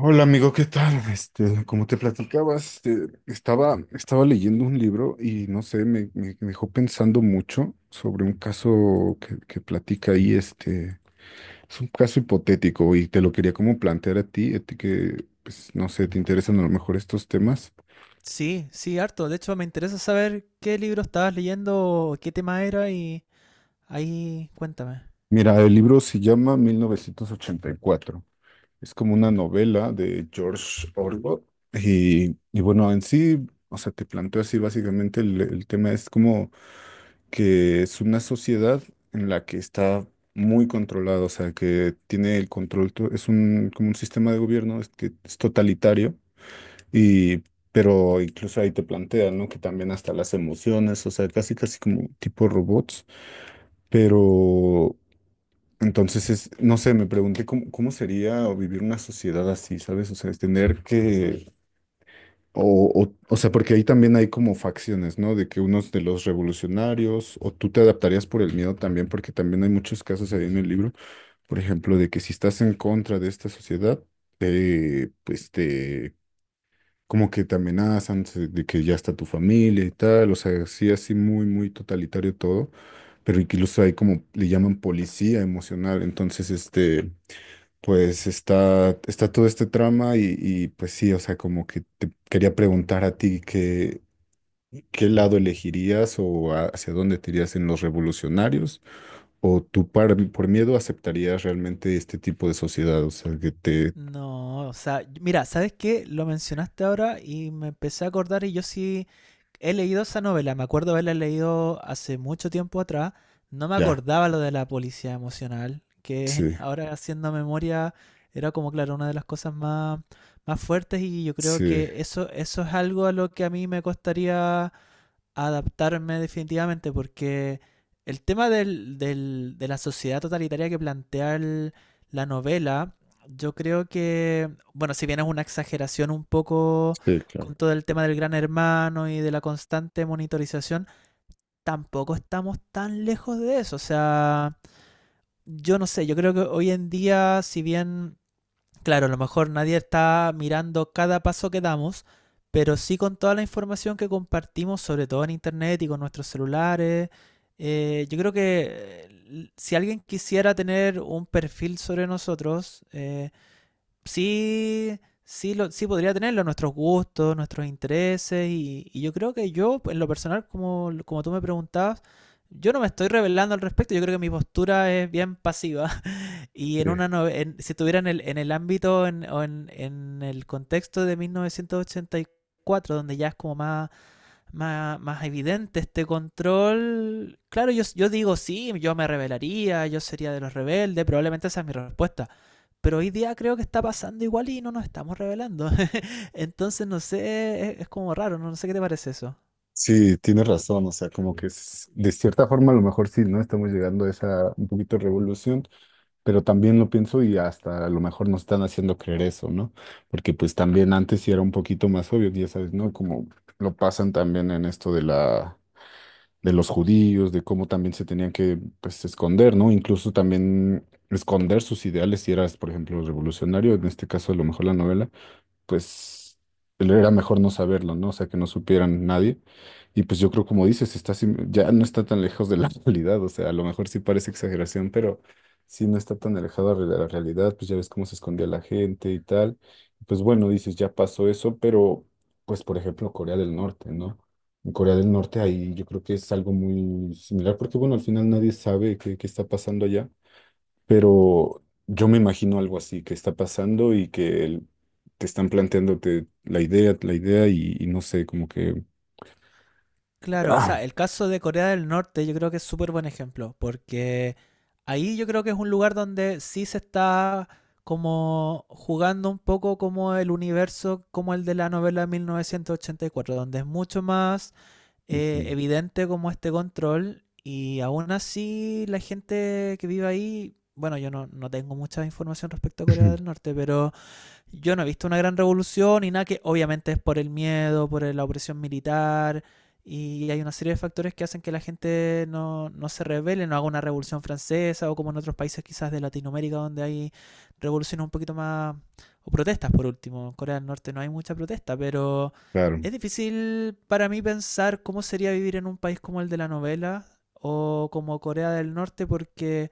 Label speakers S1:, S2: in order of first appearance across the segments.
S1: Hola amigo, ¿qué tal? Como te platicaba, estaba leyendo un libro y no sé, me dejó pensando mucho sobre un caso que platica ahí, es un caso hipotético y te lo quería como plantear a ti, que, pues, no sé, te interesan a lo mejor estos temas.
S2: Sí, sí, harto. De hecho, me interesa saber qué libro estabas leyendo, qué tema era y ahí cuéntame.
S1: Mira, el libro se llama 1984. Es como una novela de George Orwell y bueno, en sí, o sea, te planteo así básicamente el tema es como que es una sociedad en la que está muy controlado, o sea, que tiene el control, es un, como un sistema de gobierno es que es totalitario, y, pero incluso ahí te plantean, ¿no? Que también hasta las emociones, o sea, casi casi como tipo robots, pero entonces es, no sé, me pregunté cómo sería vivir una sociedad así, ¿sabes? O sea, es tener que o sea, porque ahí también hay como facciones, ¿no? De que unos de los revolucionarios, o tú te adaptarías por el miedo también, porque también hay muchos casos ahí en el libro, por ejemplo, de que si estás en contra de esta sociedad, pues te, como que te amenazan de que ya está tu familia y tal, o sea, sí, así muy, muy totalitario todo, pero incluso hay como, le llaman policía emocional, entonces. Pues está todo este trama pues sí, o sea, como que te quería preguntar a ti qué lado elegirías o hacia dónde te irías en los revolucionarios o tú por miedo aceptarías realmente este tipo de sociedad, o sea,
S2: No, o sea, mira, ¿sabes qué? Lo mencionaste ahora y me empecé a acordar y yo sí he leído esa novela. Me acuerdo haberla leído hace mucho tiempo atrás. No me
S1: ya,
S2: acordaba lo de la policía emocional, que
S1: sí,
S2: ahora haciendo memoria era como, claro, una de las cosas más fuertes y yo creo
S1: sí,
S2: que eso es algo a lo que a mí me costaría adaptarme definitivamente porque el tema del de la sociedad totalitaria que plantea la novela. Yo creo que, bueno, si bien es una exageración un poco
S1: sí, claro.
S2: con todo el tema del gran hermano y de la constante monitorización, tampoco estamos tan lejos de eso. O sea, yo no sé, yo creo que hoy en día, si bien, claro, a lo mejor nadie está mirando cada paso que damos, pero sí con toda la información que compartimos, sobre todo en internet y con nuestros celulares. Yo creo que si alguien quisiera tener un perfil sobre nosotros, sí, sí, sí podría tenerlo, nuestros gustos, nuestros intereses, y yo creo que yo, en lo personal, como tú me preguntabas, yo no me estoy revelando al respecto. Yo creo que mi postura es bien pasiva. Y
S1: Sí,
S2: en una nove- en- si estuvieran en el ámbito, en el contexto de 1984, donde ya es como más evidente este control, claro, yo digo sí, yo me rebelaría, yo sería de los rebeldes, probablemente esa es mi respuesta. Pero hoy día creo que está pasando igual y no nos estamos rebelando. Entonces, no sé, es como raro, no sé qué te parece eso.
S1: sí, tienes razón, o sea, como que de cierta forma a lo mejor sí, ¿no? Estamos llegando a esa un poquito revolución. Pero también lo pienso y hasta a lo mejor nos están haciendo creer eso, ¿no? Porque pues también antes sí era un poquito más obvio, ya sabes, ¿no? Como lo pasan también en esto de los judíos, de cómo también se tenían que pues esconder, ¿no? Incluso también esconder sus ideales si eras, por ejemplo, revolucionario, en este caso a lo mejor la novela pues era mejor no saberlo, ¿no? O sea, que no supieran nadie. Y pues yo creo, como dices, está ya no está tan lejos de la realidad, o sea, a lo mejor sí parece exageración, pero sí no está tan alejado de la realidad, pues ya ves cómo se escondía la gente y tal. Pues bueno, dices, ya pasó eso, pero pues por ejemplo, Corea del Norte, ¿no? En Corea del Norte ahí yo creo que es algo muy similar, porque bueno, al final nadie sabe qué está pasando allá. Pero yo me imagino algo así que está pasando y que te están planteándote la idea y no sé.
S2: Claro, o
S1: Ah,
S2: sea, el caso de Corea del Norte yo creo que es súper buen ejemplo, porque ahí yo creo que es un lugar donde sí se está como jugando un poco, como el universo, como el de la novela de 1984, donde es mucho más
S1: ujú.
S2: evidente como este control, y aún así la gente que vive ahí, bueno, yo no tengo mucha información respecto a Corea
S1: Ujú.
S2: del Norte, pero yo no he visto una gran revolución. Y nada, que obviamente es por el miedo, por la opresión militar y hay una serie de factores que hacen que la gente no se revele, no haga una revolución francesa o como en otros países quizás de Latinoamérica donde hay revoluciones un poquito más, o protestas por último. En Corea del Norte no hay mucha protesta, pero
S1: Claro.
S2: es difícil para mí pensar cómo sería vivir en un país como el de la novela o como Corea del Norte, porque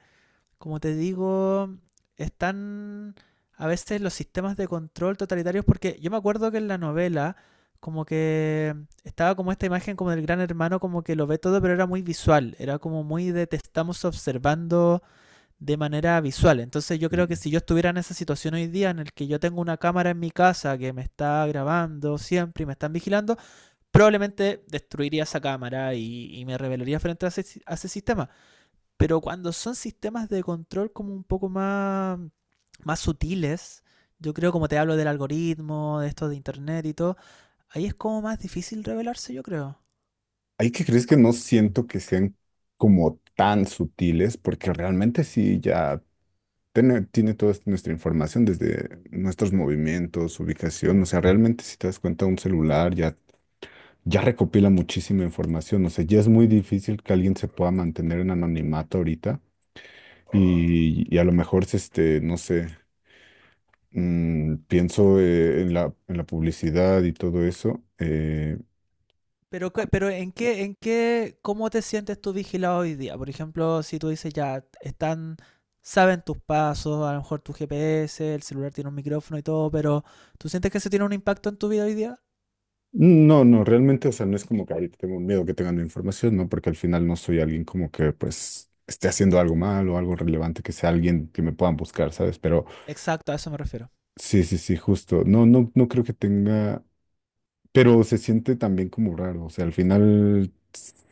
S2: como te digo, están a veces los sistemas de control totalitarios. Porque yo me acuerdo que en la novela, como que estaba como esta imagen como del gran hermano, como que lo ve todo, pero era muy visual, era como muy de te estamos observando de manera visual. Entonces yo
S1: Ujú.
S2: creo que si yo estuviera en esa situación hoy día, en el que yo tengo una cámara en mi casa que me está grabando siempre y me están vigilando, probablemente destruiría esa cámara, y me rebelaría frente a a ese sistema. Pero cuando son sistemas de control como un poco más sutiles, yo creo, como te hablo del algoritmo, de esto de internet y todo, ahí es como más difícil revelarse, yo creo.
S1: Hay que crees que no siento que sean como tan sutiles, porque realmente sí ya tiene toda nuestra información desde nuestros movimientos, ubicación, o sea, realmente si te das cuenta un celular ya recopila muchísima información, o sea, ya es muy difícil que alguien se pueda mantener en anonimato ahorita. Y a lo mejor es no sé, pienso
S2: O-
S1: en la publicidad y todo eso. eh,
S2: Pero, en qué, ¿cómo te sientes tú vigilado hoy día? Por ejemplo, si tú dices ya, están, saben tus pasos, a lo mejor tu GPS, el celular tiene un micrófono y todo, pero ¿tú sientes que eso tiene un impacto en tu vida hoy día?
S1: no, no, realmente, o sea, no es como que ahorita tengo miedo que tengan mi información, ¿no? Porque al final no soy alguien como que, pues, esté haciendo algo mal o algo relevante que sea alguien que me puedan buscar, ¿sabes? Pero
S2: Exacto, a eso me refiero.
S1: sí, sí, sí, justo. No, no, no creo que tenga. Pero se siente también como raro, o sea, al final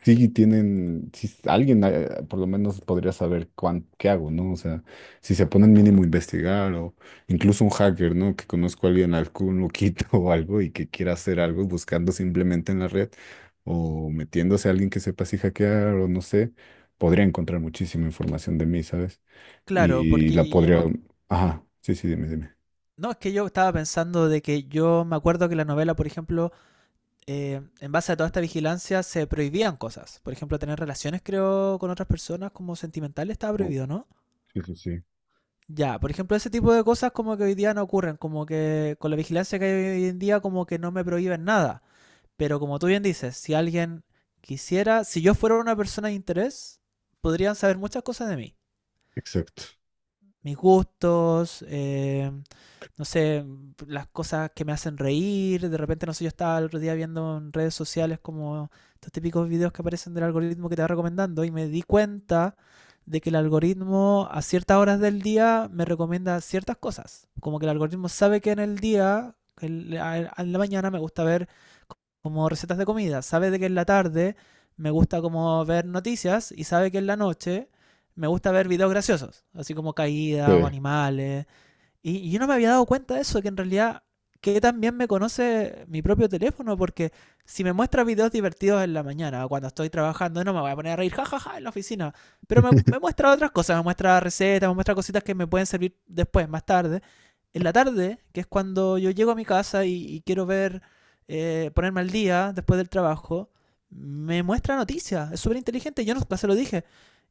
S1: sí tienen, si alguien por lo menos podría saber qué hago, ¿no? O sea, si se ponen mínimo a investigar o incluso un hacker, ¿no? Que conozco a alguien, algún loquito o algo y que quiera hacer algo buscando simplemente en la red o metiéndose a alguien que sepa si hackear o no sé, podría encontrar muchísima información de mí, ¿sabes?
S2: Claro,
S1: Y la podría. Ajá, sí, sí, dime, dime.
S2: no, es que yo estaba pensando de que yo me acuerdo que la novela, por ejemplo, en base a toda esta vigilancia se prohibían cosas. Por ejemplo, tener relaciones, creo, con otras personas como sentimentales, estaba
S1: Oh,
S2: prohibido, ¿no?
S1: sí, sí, sí,
S2: Ya, por ejemplo, ese tipo de cosas como que hoy día no ocurren, como que con la vigilancia que hay hoy en día, como que no me prohíben nada. Pero como tú bien dices, si alguien quisiera, si yo fuera una persona de interés, podrían saber muchas cosas de mí.
S1: exacto.
S2: Mis gustos, no sé, las cosas que me hacen reír. De repente, no sé, yo estaba el otro día viendo en redes sociales como estos típicos videos que aparecen del algoritmo, que te va recomendando, y me di cuenta de que el algoritmo a ciertas horas del día me recomienda ciertas cosas. Como que el algoritmo sabe que en el día, en la mañana me gusta ver como recetas de comida, sabe de que en la tarde me gusta como ver noticias y sabe que en la noche me gusta ver videos graciosos, así como caídas o
S1: Sí.
S2: animales. Y yo no me había dado cuenta de eso, que en realidad que también me conoce mi propio teléfono, porque si me muestra videos divertidos en la mañana, o cuando estoy trabajando, no me voy a poner a reír, jajaja, ja, ja", en la oficina. Pero me muestra otras cosas, me muestra recetas, me muestra cositas que me pueden servir después, más tarde. En la tarde, que es cuando yo llego a mi casa y ponerme al día después del trabajo, me muestra noticias, es súper inteligente. Yo no no se lo dije,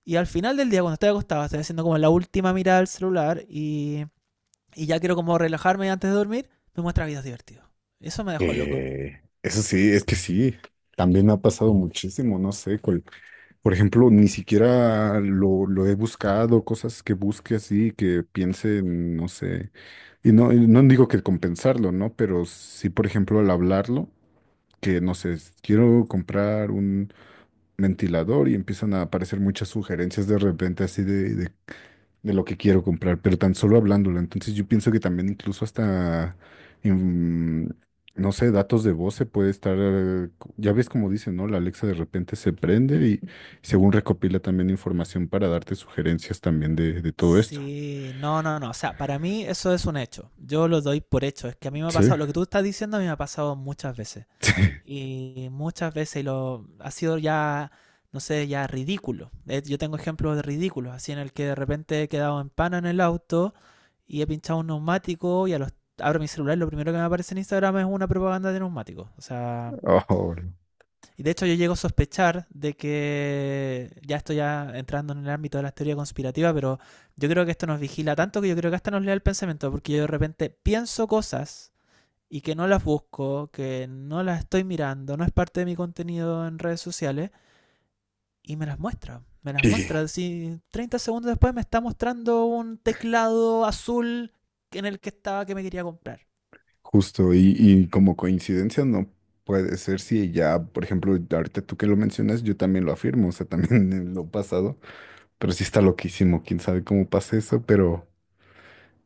S2: y al final del día, cuando estoy acostado, estoy haciendo como la última mirada al celular, y ya quiero como relajarme antes de dormir, me muestra videos divertidos. Eso me dejó loco.
S1: Eso sí, es que sí, también me ha pasado muchísimo, no sé, por ejemplo, ni siquiera lo he buscado, cosas que busque así, que piense, no sé, y no digo que compensarlo, ¿no? Pero sí, por ejemplo, al hablarlo, que no sé, quiero comprar un ventilador y empiezan a aparecer muchas sugerencias de repente así de lo que quiero comprar, pero tan solo hablándolo. Entonces yo pienso que también incluso hasta, en, no sé, datos de voz se puede estar, ya ves como dicen, ¿no? La Alexa de repente se prende y según recopila también información para darte sugerencias también de todo esto.
S2: Sí, no, no, no. O sea, para mí eso es un hecho. Yo lo doy por hecho. Es que a mí me ha
S1: Sí,
S2: pasado, lo que tú estás diciendo a mí me ha pasado muchas veces.
S1: sí.
S2: Y muchas veces lo ha sido ya, no sé, ya ridículo. Yo tengo ejemplos de ridículos, así, en el que de repente he quedado en pana en el auto y he pinchado un neumático, y a los abro mi celular, y lo primero que me aparece en Instagram es una propaganda de neumáticos. O sea,
S1: Oh,
S2: y de hecho yo llego a sospechar de que ya estoy ya entrando en el ámbito de la teoría conspirativa, pero yo creo que esto nos vigila tanto, que yo creo que hasta nos lea el pensamiento, porque yo de repente pienso cosas, y que no las busco, que no las estoy mirando, no es parte de mi contenido en redes sociales, y me las muestra. Me las
S1: sí.
S2: muestra. Si 30 segundos después me está mostrando un teclado azul, en el que estaba que me quería comprar.
S1: Justo, y como coincidencia no puede ser si ya, por ejemplo, ahorita tú que lo mencionas, yo también lo afirmo, o sea, también en lo pasado, pero sí está loquísimo, quién sabe cómo pasa eso, pero...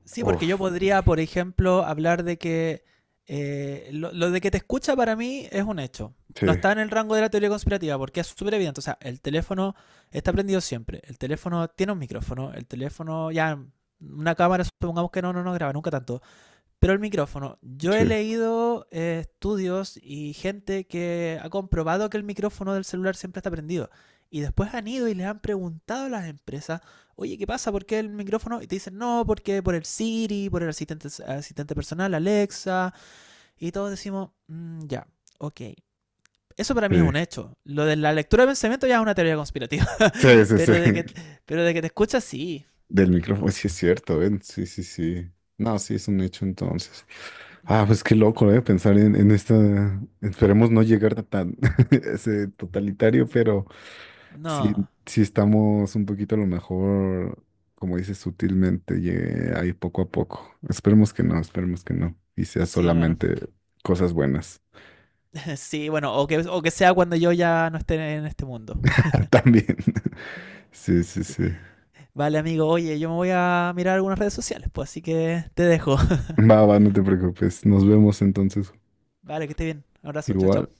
S2: Sí, porque yo
S1: Uf,
S2: podría, por ejemplo, hablar de que lo de que te escucha, para mí es un hecho, no
S1: sí,
S2: está en el rango de la teoría conspirativa porque es súper evidente. O sea, el teléfono está prendido siempre. El teléfono tiene un micrófono. El teléfono, ya, una cámara, supongamos que no graba nunca tanto. Pero el micrófono, yo
S1: sí,
S2: he leído estudios y gente que ha comprobado que el micrófono del celular siempre está prendido. Y después han ido y les han preguntado a las empresas: oye, ¿qué pasa? ¿Por qué el micrófono? Y te dicen: no, porque por el Siri, por asistente personal, Alexa. Y todos decimos: mm, ya, ok. Eso para mí es
S1: sí.
S2: un hecho. Lo de la lectura de pensamiento ya es una teoría conspirativa.
S1: Sí, sí, sí.
S2: Pero de que, pero de que te escuchas, sí.
S1: Del micrófono, sí es cierto, ven. Sí, sí, sí. No, sí, es un hecho entonces. Ah, pues qué loco, ¿eh? Pensar en esta. Esperemos no llegar a tan ese totalitario, pero sí,
S2: No.
S1: sí estamos un poquito a lo mejor, como dices, sutilmente, llegue ahí poco a poco. Esperemos que no, esperemos que no. Y sea
S2: Sí, bueno.
S1: solamente cosas buenas.
S2: Sí, bueno, o que sea cuando yo ya no esté en este mundo.
S1: También. Sí, sí,
S2: Sí.
S1: sí.
S2: Vale, amigo, oye, yo me voy a mirar algunas redes sociales, pues así que te dejo.
S1: Va, va, no te preocupes. Nos vemos entonces.
S2: Vale, que esté bien. Un abrazo, chao,
S1: Igual.
S2: chao.